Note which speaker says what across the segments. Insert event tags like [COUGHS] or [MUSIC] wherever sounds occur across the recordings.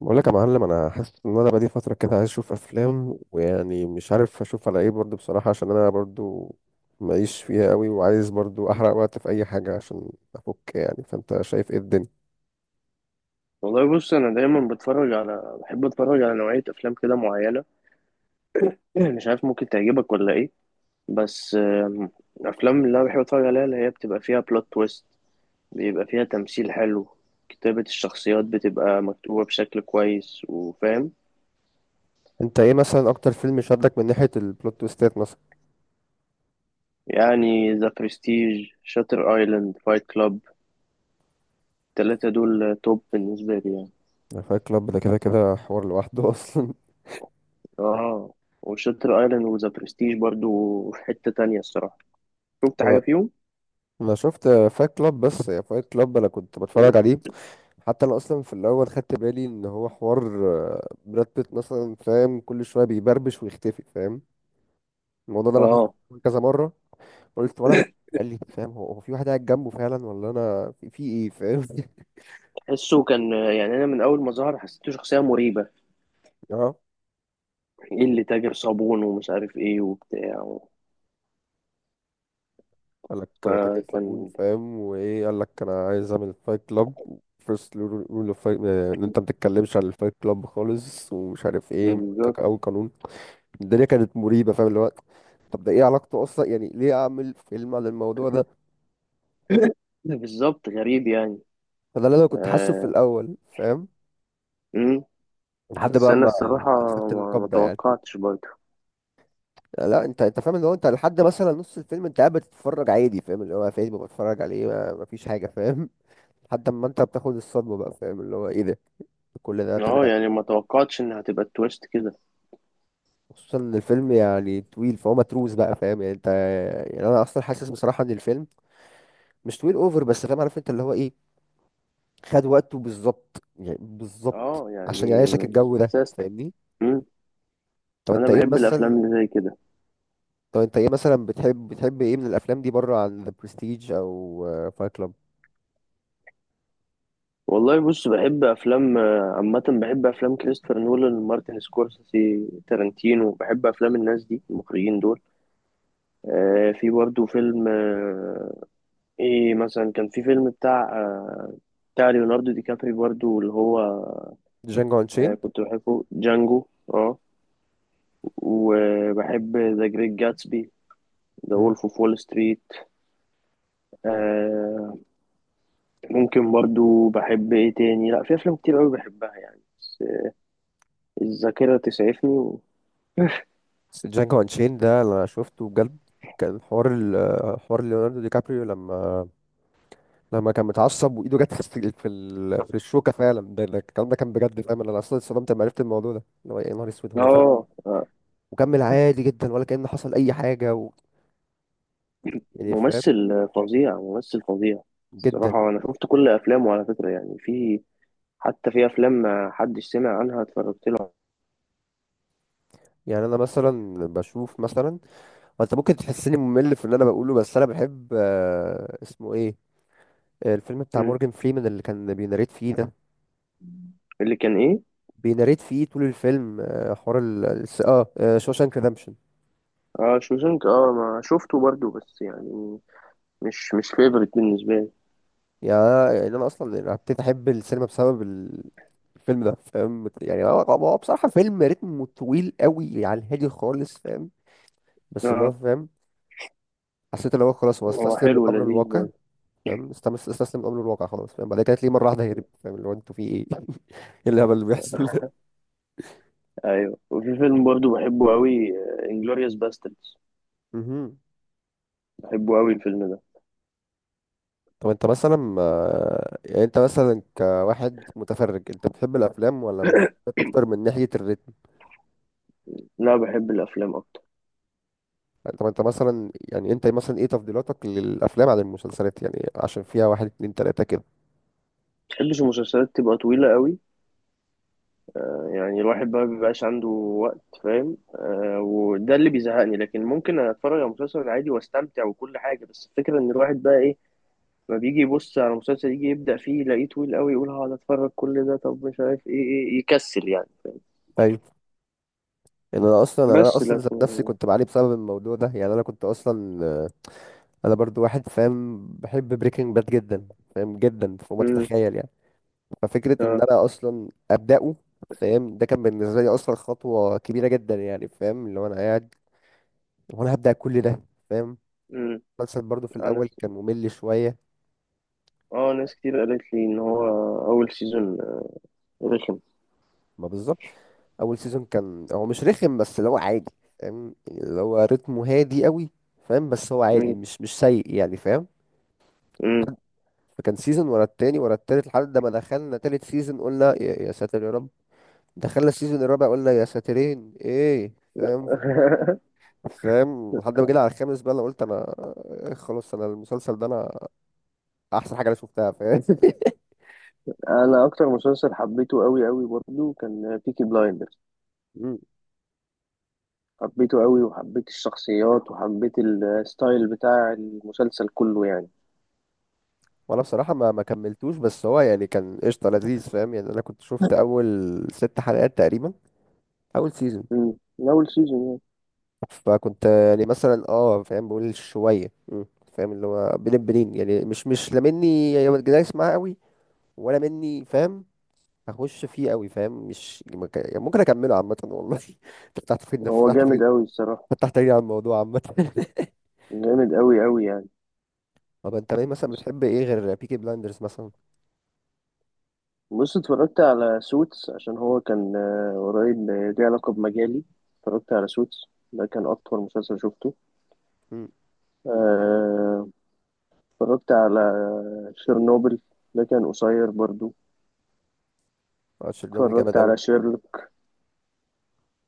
Speaker 1: بقول لك يا معلم، انا حاسس ان انا بقالي فتره كده عايز اشوف افلام. ويعني مش عارف اشوف على ايه برضو بصراحه، عشان انا برضو ماليش فيها قوي، وعايز برضو احرق وقت في اي حاجه عشان افك يعني. فانت شايف ايه الدنيا؟
Speaker 2: والله بص انا دايما بتفرج على بحب اتفرج على نوعيه افلام كده معينه. [CLEARS THROAT] مش عارف ممكن تعجبك ولا ايه؟ بس الافلام اللي انا بحب اتفرج عليها اللي هي بتبقى فيها بلوت تويست، بيبقى فيها تمثيل حلو، كتابه الشخصيات بتبقى مكتوبه بشكل كويس وفاهم.
Speaker 1: انت ايه مثلا اكتر فيلم شدك من ناحيه البلوت تويستات مثلا؟
Speaker 2: يعني ذا برستيج، شاتر ايلاند، فايت كلاب، التلاتة دول توب بالنسبه لي يعني.
Speaker 1: فايت كلاب ده كده كده حوار لوحده [LAUGHS] اصلا.
Speaker 2: اه، وشاتر ايلاند وذا برستيج برضو في حته تانية الصراحه، شفت حاجه
Speaker 1: انا
Speaker 2: فيهم.
Speaker 1: انا شفت فايت كلاب بس [LAUGHS] يا فايت كلاب، انا كنت بتفرج
Speaker 2: [CLEARS THROAT]
Speaker 1: عليه حتى انا اصلا في الاول خدت بالي ان هو حوار. براد بيت مثلا، فاهم؟ كل شويه بيبربش ويختفي، فاهم الموضوع ده؟ لاحظت
Speaker 2: اه،
Speaker 1: كذا مره. قلت وانا قال لي فاهم، هو في واحد قاعد جنبه فعلا، ولا انا في ايه، فاهم؟ [LAUGHS]
Speaker 2: حسه كان، يعني انا من اول ما ظهر حسيته شخصيه مريبه.
Speaker 1: اه،
Speaker 2: ايه اللي تاجر صابون ومش عارف ايه وبتاع و
Speaker 1: قال لك تاكل صابون،
Speaker 2: فكان
Speaker 1: فاهم؟ وايه قال لك؟ انا عايز اعمل فايت كلاب، فيرست رول اوف فايت ان انت ما تتكلمش عن الفايت كلاب خالص، ومش عارف ايه،
Speaker 2: بالظبط.
Speaker 1: اول قانون. الدنيا كانت مريبه، فاهم الوقت؟ طب ده ايه علاقته اصلا؟ يعني ليه اعمل فيلم عن الموضوع ده؟
Speaker 2: [LAUGHS] بالظبط، غريب يعني.
Speaker 1: فده اللي انا كنت حاسه في
Speaker 2: آه.
Speaker 1: الاول، فاهم؟
Speaker 2: مم.
Speaker 1: لحد
Speaker 2: بس
Speaker 1: بقى
Speaker 2: انا
Speaker 1: ما
Speaker 2: الصراحه
Speaker 1: خدت
Speaker 2: ما
Speaker 1: القبضه يعني.
Speaker 2: توقعتش برضه.
Speaker 1: لا، انت فاهم، اللي هو انت لحد مثلا نص الفيلم انت قاعد بتتفرج عادي، فاهم؟ اللي هو فيلم بتفرج عليه ما فيش حاجه، فاهم؟ [LAUGHS] لحد ما انت بتاخد الصدمه بقى، فاهم؟ اللي هو ايه ده، كل ده
Speaker 2: اه،
Speaker 1: طلع!
Speaker 2: يعني ما توقعتش انها هتبقى التويست كده.
Speaker 1: خصوصا ان الفيلم يعني طويل، فهو متروس بقى، فاهم يعني انت؟ يعني انا اصلا حاسس بصراحه ان الفيلم مش طويل اوفر بس، فاهم؟ عارف انت اللي هو ايه، خد وقته بالظبط، يعني بالظبط
Speaker 2: اه،
Speaker 1: عشان
Speaker 2: يعني
Speaker 1: يعيشك الجو ده،
Speaker 2: ساست.
Speaker 1: فاهمني؟
Speaker 2: مم.
Speaker 1: طب
Speaker 2: انا
Speaker 1: انت ايه
Speaker 2: بحب الافلام
Speaker 1: مثلا
Speaker 2: اللي زي كده.
Speaker 1: طب انت ايه مثلا بتحب ايه من الافلام دي بره عن ذا برستيج او فايت كلاب؟
Speaker 2: والله بص، بحب افلام عامه، بحب افلام كريستوفر نولان، مارتن سكورسيزي، تارانتينو. بحب افلام الناس دي، المخرجين دول. في برضه فيلم، ايه مثلا، كان في فيلم بتاع ليوناردو دي كابري برضه اللي هو.
Speaker 1: جانجو
Speaker 2: آه،
Speaker 1: انشين؟
Speaker 2: كنت بحبه جانجو. اه، وبحب ذا جريت جاتسبي، ذا وولف اوف وول ستريت. آه، ممكن برضه بحب ايه تاني؟ لا، في افلام كتير قوي بحبها يعني بس الذاكرة تسعفني و.
Speaker 1: بس جانجو انشين ده انا شفته بجد. كان حوار حوار ليوناردو دي كابريو لما كان متعصب وايده جت [LAUGHS] في الشوكه فعلا. ده الكلام ده كان بجد، فاهم؟ انا اصلا اتصدمت لما عرفت الموضوع ده، اللي هو يا نهار اسود، هو فعلا
Speaker 2: اه،
Speaker 1: وكمل عادي جدا ولا كأن حصل اي حاجه يعني، فاهم؟
Speaker 2: ممثل فظيع، ممثل فظيع.
Speaker 1: جدا.
Speaker 2: الصراحة أنا شفت كل أفلامه على فكرة، يعني في، حتى في أفلام ما حدش سمع عنها اتفرجت له.
Speaker 1: يعني انا مثلا بشوف مثلا، وانت ممكن تحسني ممل في اللي انا بقوله، بس انا بحب، اسمه ايه، الفيلم بتاع
Speaker 2: مم.
Speaker 1: مورجان فريمان اللي كان بيناريت فيه ده.
Speaker 2: اللي كان ايه؟
Speaker 1: بيناريت فيه طول الفيلم، حوار ال الس- اه شوشانك ريدمبشن.
Speaker 2: اه، شوزنك. اه، ما شفته برضو بس يعني مش فيفرت بالنسبه لي.
Speaker 1: يعني انا اصلا يعني ابتديت احب السينما بسبب الفيلم ده، فاهم؟ يعني هو، هو بصراحة فيلم رتمه طويل قوي، يعني هادي خالص، فاهم؟ بس اللي هو،
Speaker 2: اه،
Speaker 1: فاهم؟ حسيت اللي هو خلاص، هو
Speaker 2: هو
Speaker 1: استسلم
Speaker 2: حلو
Speaker 1: للامر
Speaker 2: ولذيذ
Speaker 1: الواقع،
Speaker 2: برضو.
Speaker 1: فاهم؟ استسلم لامر الواقع خلاص، فاهم؟ بعد كده تلاقيه مره واحده هرب، فاهم؟ اللي هو انتوا في ايه؟ [LAUGHS] ايه الهبل اللي بيحصل ده؟
Speaker 2: ايوه، وفي فيلم برضو بحبه قوي، انجلوريوس باستردز،
Speaker 1: مهم.
Speaker 2: بحبه قوي الفيلم ده.
Speaker 1: طب انت مثلا، يعني انت مثلا كواحد متفرج، انت بتحب الافلام ولا المسلسلات اكتر من ناحيه الريت؟
Speaker 2: لا، بحب الافلام اكتر.
Speaker 1: طب انت مثلا، يعني انت مثلا ايه تفضيلاتك للافلام عن المسلسلات، يعني عشان فيها واحد اتنين تلاته كده؟
Speaker 2: ما بحبش المسلسلات تبقى طويله قوي، يعني الواحد بقى بيبقاش عنده وقت، فاهم؟ وده اللي بيزهقني، لكن ممكن اتفرج على مسلسل عادي واستمتع وكل حاجه. بس الفكره ان الواحد بقى ايه؟ فبيجي يبص على مسلسل، يجي يبدأ فيه يلاقيه طويل قوي، يقول هقعد اتفرج كل ده؟ طب مش عارف ايه، يكسل يعني.
Speaker 1: ايوه. يعني انا
Speaker 2: بس
Speaker 1: اصلا ذات نفسي
Speaker 2: لكن.
Speaker 1: كنت بعاني بسبب الموضوع ده. يعني انا كنت اصلا، انا برضو واحد، فاهم، بحب بريكنج باد جدا، فاهم، جدا فوق ما
Speaker 2: امم
Speaker 1: تتخيل يعني. ففكره ان
Speaker 2: اه،
Speaker 1: انا اصلا ابداه، فاهم، ده كان بالنسبه لي اصلا خطوه كبيره جدا، يعني فاهم، اللي هو انا قاعد وانا هبدا كل ده، فاهم؟
Speaker 2: امم
Speaker 1: المسلسل برضو في
Speaker 2: انا
Speaker 1: الاول
Speaker 2: س-
Speaker 1: كان ممل شويه.
Speaker 2: اه، ناس كتير قالت لي ان هو اول سيزون رخم.
Speaker 1: ما بالظبط، اول سيزون كان هو مش رخم، بس اللي هو عادي، فاهم؟ يعني اللي هو رتمه هادي قوي، فاهم؟ بس هو عادي،
Speaker 2: مم.
Speaker 1: مش سيء يعني، فاهم؟
Speaker 2: مم.
Speaker 1: فكان سيزون ورا التاني ورا التالت، لحد ما دخلنا تالت سيزون قلنا يا ساتر يا رب. دخلنا السيزون الرابع قلنا يا ساترين ايه، فاهم؟
Speaker 2: [LAUGHS]
Speaker 1: فاهم لحد ما جينا على الخامس بقى، انا قلت انا، خلاص، انا المسلسل ده انا احسن حاجه انا شفتها، فاهم؟
Speaker 2: انا اكتر مسلسل حبيته قوي قوي برضه كان بيكي بلايندرز،
Speaker 1: [LAUGHS] مم.
Speaker 2: حبيته قوي وحبيت الشخصيات وحبيت الستايل بتاع المسلسل كله يعني.
Speaker 1: وانا بصراحه ما كملتوش، بس هو يعني كان قشطه لذيذ، فاهم؟ يعني انا كنت شفت اول 6 حلقات تقريبا، اول سيزون.
Speaker 2: مم. من اول سيزون.
Speaker 1: فكنت يعني مثلا اه، فاهم، بقول شويه مم، فاهم، اللي هو بين البنين يعني مش لا مني، يعني دايس معاه قوي، ولا مني، فاهم؟ هخش فيه قوي، فاهم، مش مك- يعني ممكن اكمله عامه والله. [LAUGHS] فتحت في
Speaker 2: يعني هو
Speaker 1: فتحت في
Speaker 2: جامد قوي الصراحة،
Speaker 1: فتحت لي على الموضوع عامه [LAUGHS]
Speaker 2: جامد قوي قوي يعني.
Speaker 1: طب انت ليه مثلا بتحب ايه غير بيكي بلايندرز مثلا؟
Speaker 2: بص، اتفرجت على سوتس عشان هو كان قريب، ليه علاقة بمجالي. اتفرجت على سوتس، ده كان أطول مسلسل شفته.
Speaker 1: امم.
Speaker 2: آه، اتفرجت على شيرنوبل، ده كان قصير برضو.
Speaker 1: اه، شيرلوك
Speaker 2: اتفرجت
Speaker 1: جامد قوي.
Speaker 2: على شيرلوك،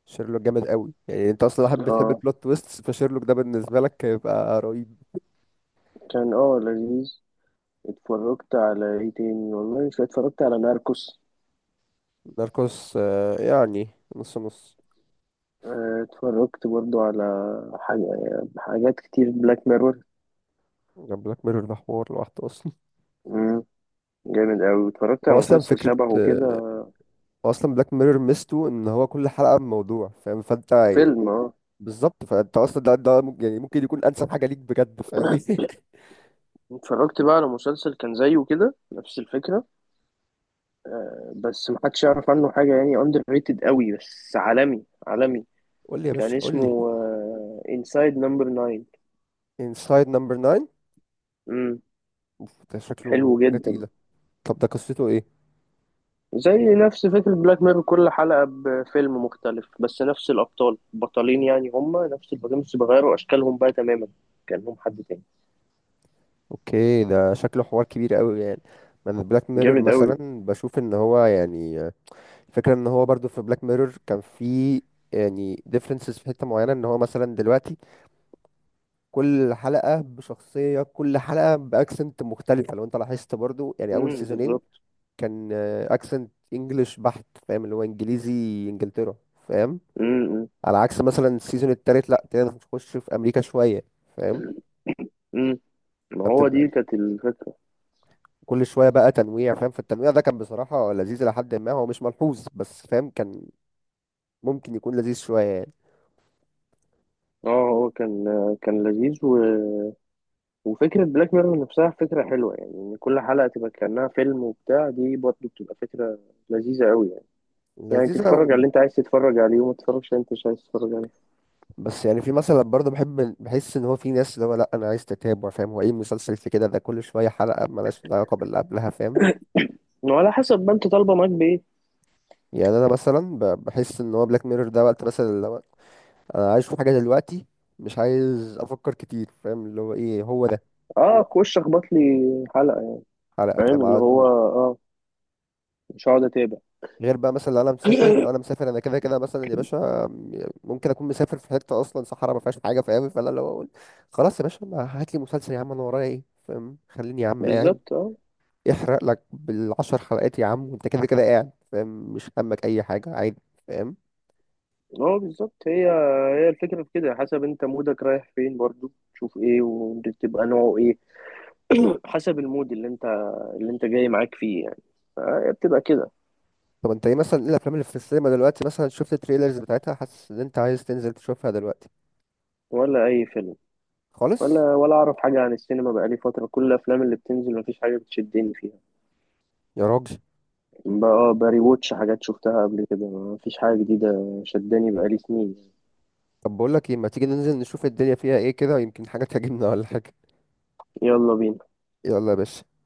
Speaker 1: شيرلوك جامد قوي، يعني انت اصلا واحد بتحب
Speaker 2: اه
Speaker 1: البلوت تويست، فشيرلوك ده بالنسبه لك هيبقى رهيب.
Speaker 2: كان لذيذ. اتفرجت على ايه تاني؟ والله، مش اتفرجت على ناركوس.
Speaker 1: ناركوس، يعني نص نص.
Speaker 2: اتفرجت برضو على حاجة حاجات كتير، بلاك ميرور
Speaker 1: بلاك ميرور ده حوار لوحده اصلا.
Speaker 2: جامد أوي. اتفرجت
Speaker 1: هو
Speaker 2: على
Speaker 1: اصلا
Speaker 2: مسلسل
Speaker 1: فكره،
Speaker 2: شبهه كده،
Speaker 1: هو اصلا بلاك ميرور ميزته ان هو كل حلقه بموضوع، فاهم؟ فانت
Speaker 2: فيلم. اه،
Speaker 1: بالظبط، فانت اصلا ده ممكن يعني ممكن يكون انسب حاجه ليك بجد، فاهم؟ [LAUGHS]
Speaker 2: اتفرجت بقى على مسلسل كان زيه كده نفس الفكرة، بس محدش يعرف عنه حاجة يعني، اندر ريتد قوي بس عالمي عالمي.
Speaker 1: قول لي يا
Speaker 2: كان
Speaker 1: باشا قول لي.
Speaker 2: اسمه انسايد نمبر 9.
Speaker 1: انسايد نمبر 9.
Speaker 2: امم
Speaker 1: اوف، ده شكله
Speaker 2: حلو
Speaker 1: حاجه
Speaker 2: جدا.
Speaker 1: تقيله. طب ده قصته ايه؟
Speaker 2: زي نفس فكرة بلاك ميرور، كل حلقة بفيلم مختلف بس نفس الأبطال، البطلين يعني هما نفس البطلين بس بيغيروا أشكالهم بقى تماما، كأنهم حد تاني.
Speaker 1: اوكي، ده شكله حوار كبير قوي يعني. ما انا بلاك ميرور
Speaker 2: جامد قوي.
Speaker 1: مثلا بشوف ان هو يعني، الفكره ان هو برضو في بلاك ميرور كان في، يعني differences في حته معينه، ان هو مثلا دلوقتي كل حلقة بشخصية، كل حلقة بأكسنت مختلفة، لو انت لاحظت برضو، يعني أول سيزونين
Speaker 2: بالظبط.
Speaker 1: كان أكسنت إنجلش بحت، فاهم اللي هو إنجليزي، إنجلترا، فاهم؟
Speaker 2: امم امم
Speaker 1: على عكس مثلا السيزون التالت لأ، ابتدينا نخش في أمريكا شوية، فاهم؟
Speaker 2: أمم. ما هو
Speaker 1: فبتبقى
Speaker 2: دي كانت الفكرة.
Speaker 1: كل شوية بقى تنويع، فاهم؟ فالتنويع ده كان بصراحة لذيذ لحد ما هو مش ملحوظ، بس فاهم، كان ممكن يكون لذيذ شوية يعني.
Speaker 2: اه، هو كان لذيذ. وفكرة بلاك ميرور نفسها فكرة حلوة، يعني إن كل حلقة تبقى كأنها فيلم وبتاع، دي برضه بتبقى فكرة لذيذة أوي يعني. يعني
Speaker 1: لذيذة.
Speaker 2: تتفرج على اللي أنت عايز تتفرج عليه وما تتفرجش على اللي أنت مش عايز تتفرج عليه،
Speaker 1: بس يعني في مثلا برضه، بحب بحس ان هو في ناس اللي هو لا انا عايز تتابع، فاهم هو ايه المسلسل في كده ده كل شويه حلقه ملهاش علاقه باللي قبلها، فاهم؟
Speaker 2: وعلى حسب ما أنت طالبة معاك بإيه.
Speaker 1: يعني انا مثلا بحس ان هو بلاك ميرور ده وقت مثلا اللي هو انا عايز اشوف حاجه دلوقتي، مش عايز افكر كتير، فاهم اللي هو ايه هو ده.
Speaker 2: أه، خش أخبط لي حلقة يعني،
Speaker 1: حلقه،
Speaker 2: فاهم
Speaker 1: فاهم،
Speaker 2: اللي
Speaker 1: على طول.
Speaker 2: هو، مش هقعد أتابع.
Speaker 1: غير بقى مثلا لو انا مسافر،
Speaker 2: [COUGHS]
Speaker 1: انا كده كده مثلا يا باشا ممكن اكون مسافر في حته اصلا صحراء ما فيهاش حاجه، فاهم؟ فانا اللي هو اقول خلاص يا باشا، ما هات لي مسلسل يا عم، انا ورايا ايه، فاهم؟ خليني يا
Speaker 2: [CLEARS THROAT]
Speaker 1: عم قاعد
Speaker 2: بالظبط. أه،
Speaker 1: يحرق لك بال10 حلقات يا عم، وانت كده كده قاعد، فاهم؟ مش همك اي حاجه عادي، فاهم؟
Speaker 2: أه بالظبط. هي الفكرة في كده، حسب أنت مودك رايح فين برضه تشوف إيه وتبقى نوعه إيه. [CLEARS THROAT] حسب المود اللي أنت جاي معاك فيه يعني، فهي بتبقى كده.
Speaker 1: طب انت ايه مثلا، ايه الافلام اللي في السينما دلوقتي مثلا شفت التريلرز بتاعتها حاسس ان انت عايز تنزل تشوفها دلوقتي؟
Speaker 2: ولا أي فيلم،
Speaker 1: خالص.
Speaker 2: ولا اعرف حاجه عن السينما بقالي فتره، كل الافلام اللي بتنزل مفيش حاجه بتشدني فيها.
Speaker 1: يا راجل!
Speaker 2: بري ووتش حاجات شفتها قبل كده، مفيش حاجه جديده شداني بقالي سنين.
Speaker 1: طب بقول لك ايه، ما تيجي ننزل نشوف الدنيا فيها ايه كده، يمكن حاجه تعجبنا ولا حاجه.
Speaker 2: يلا بينا.
Speaker 1: يلا يا باشا.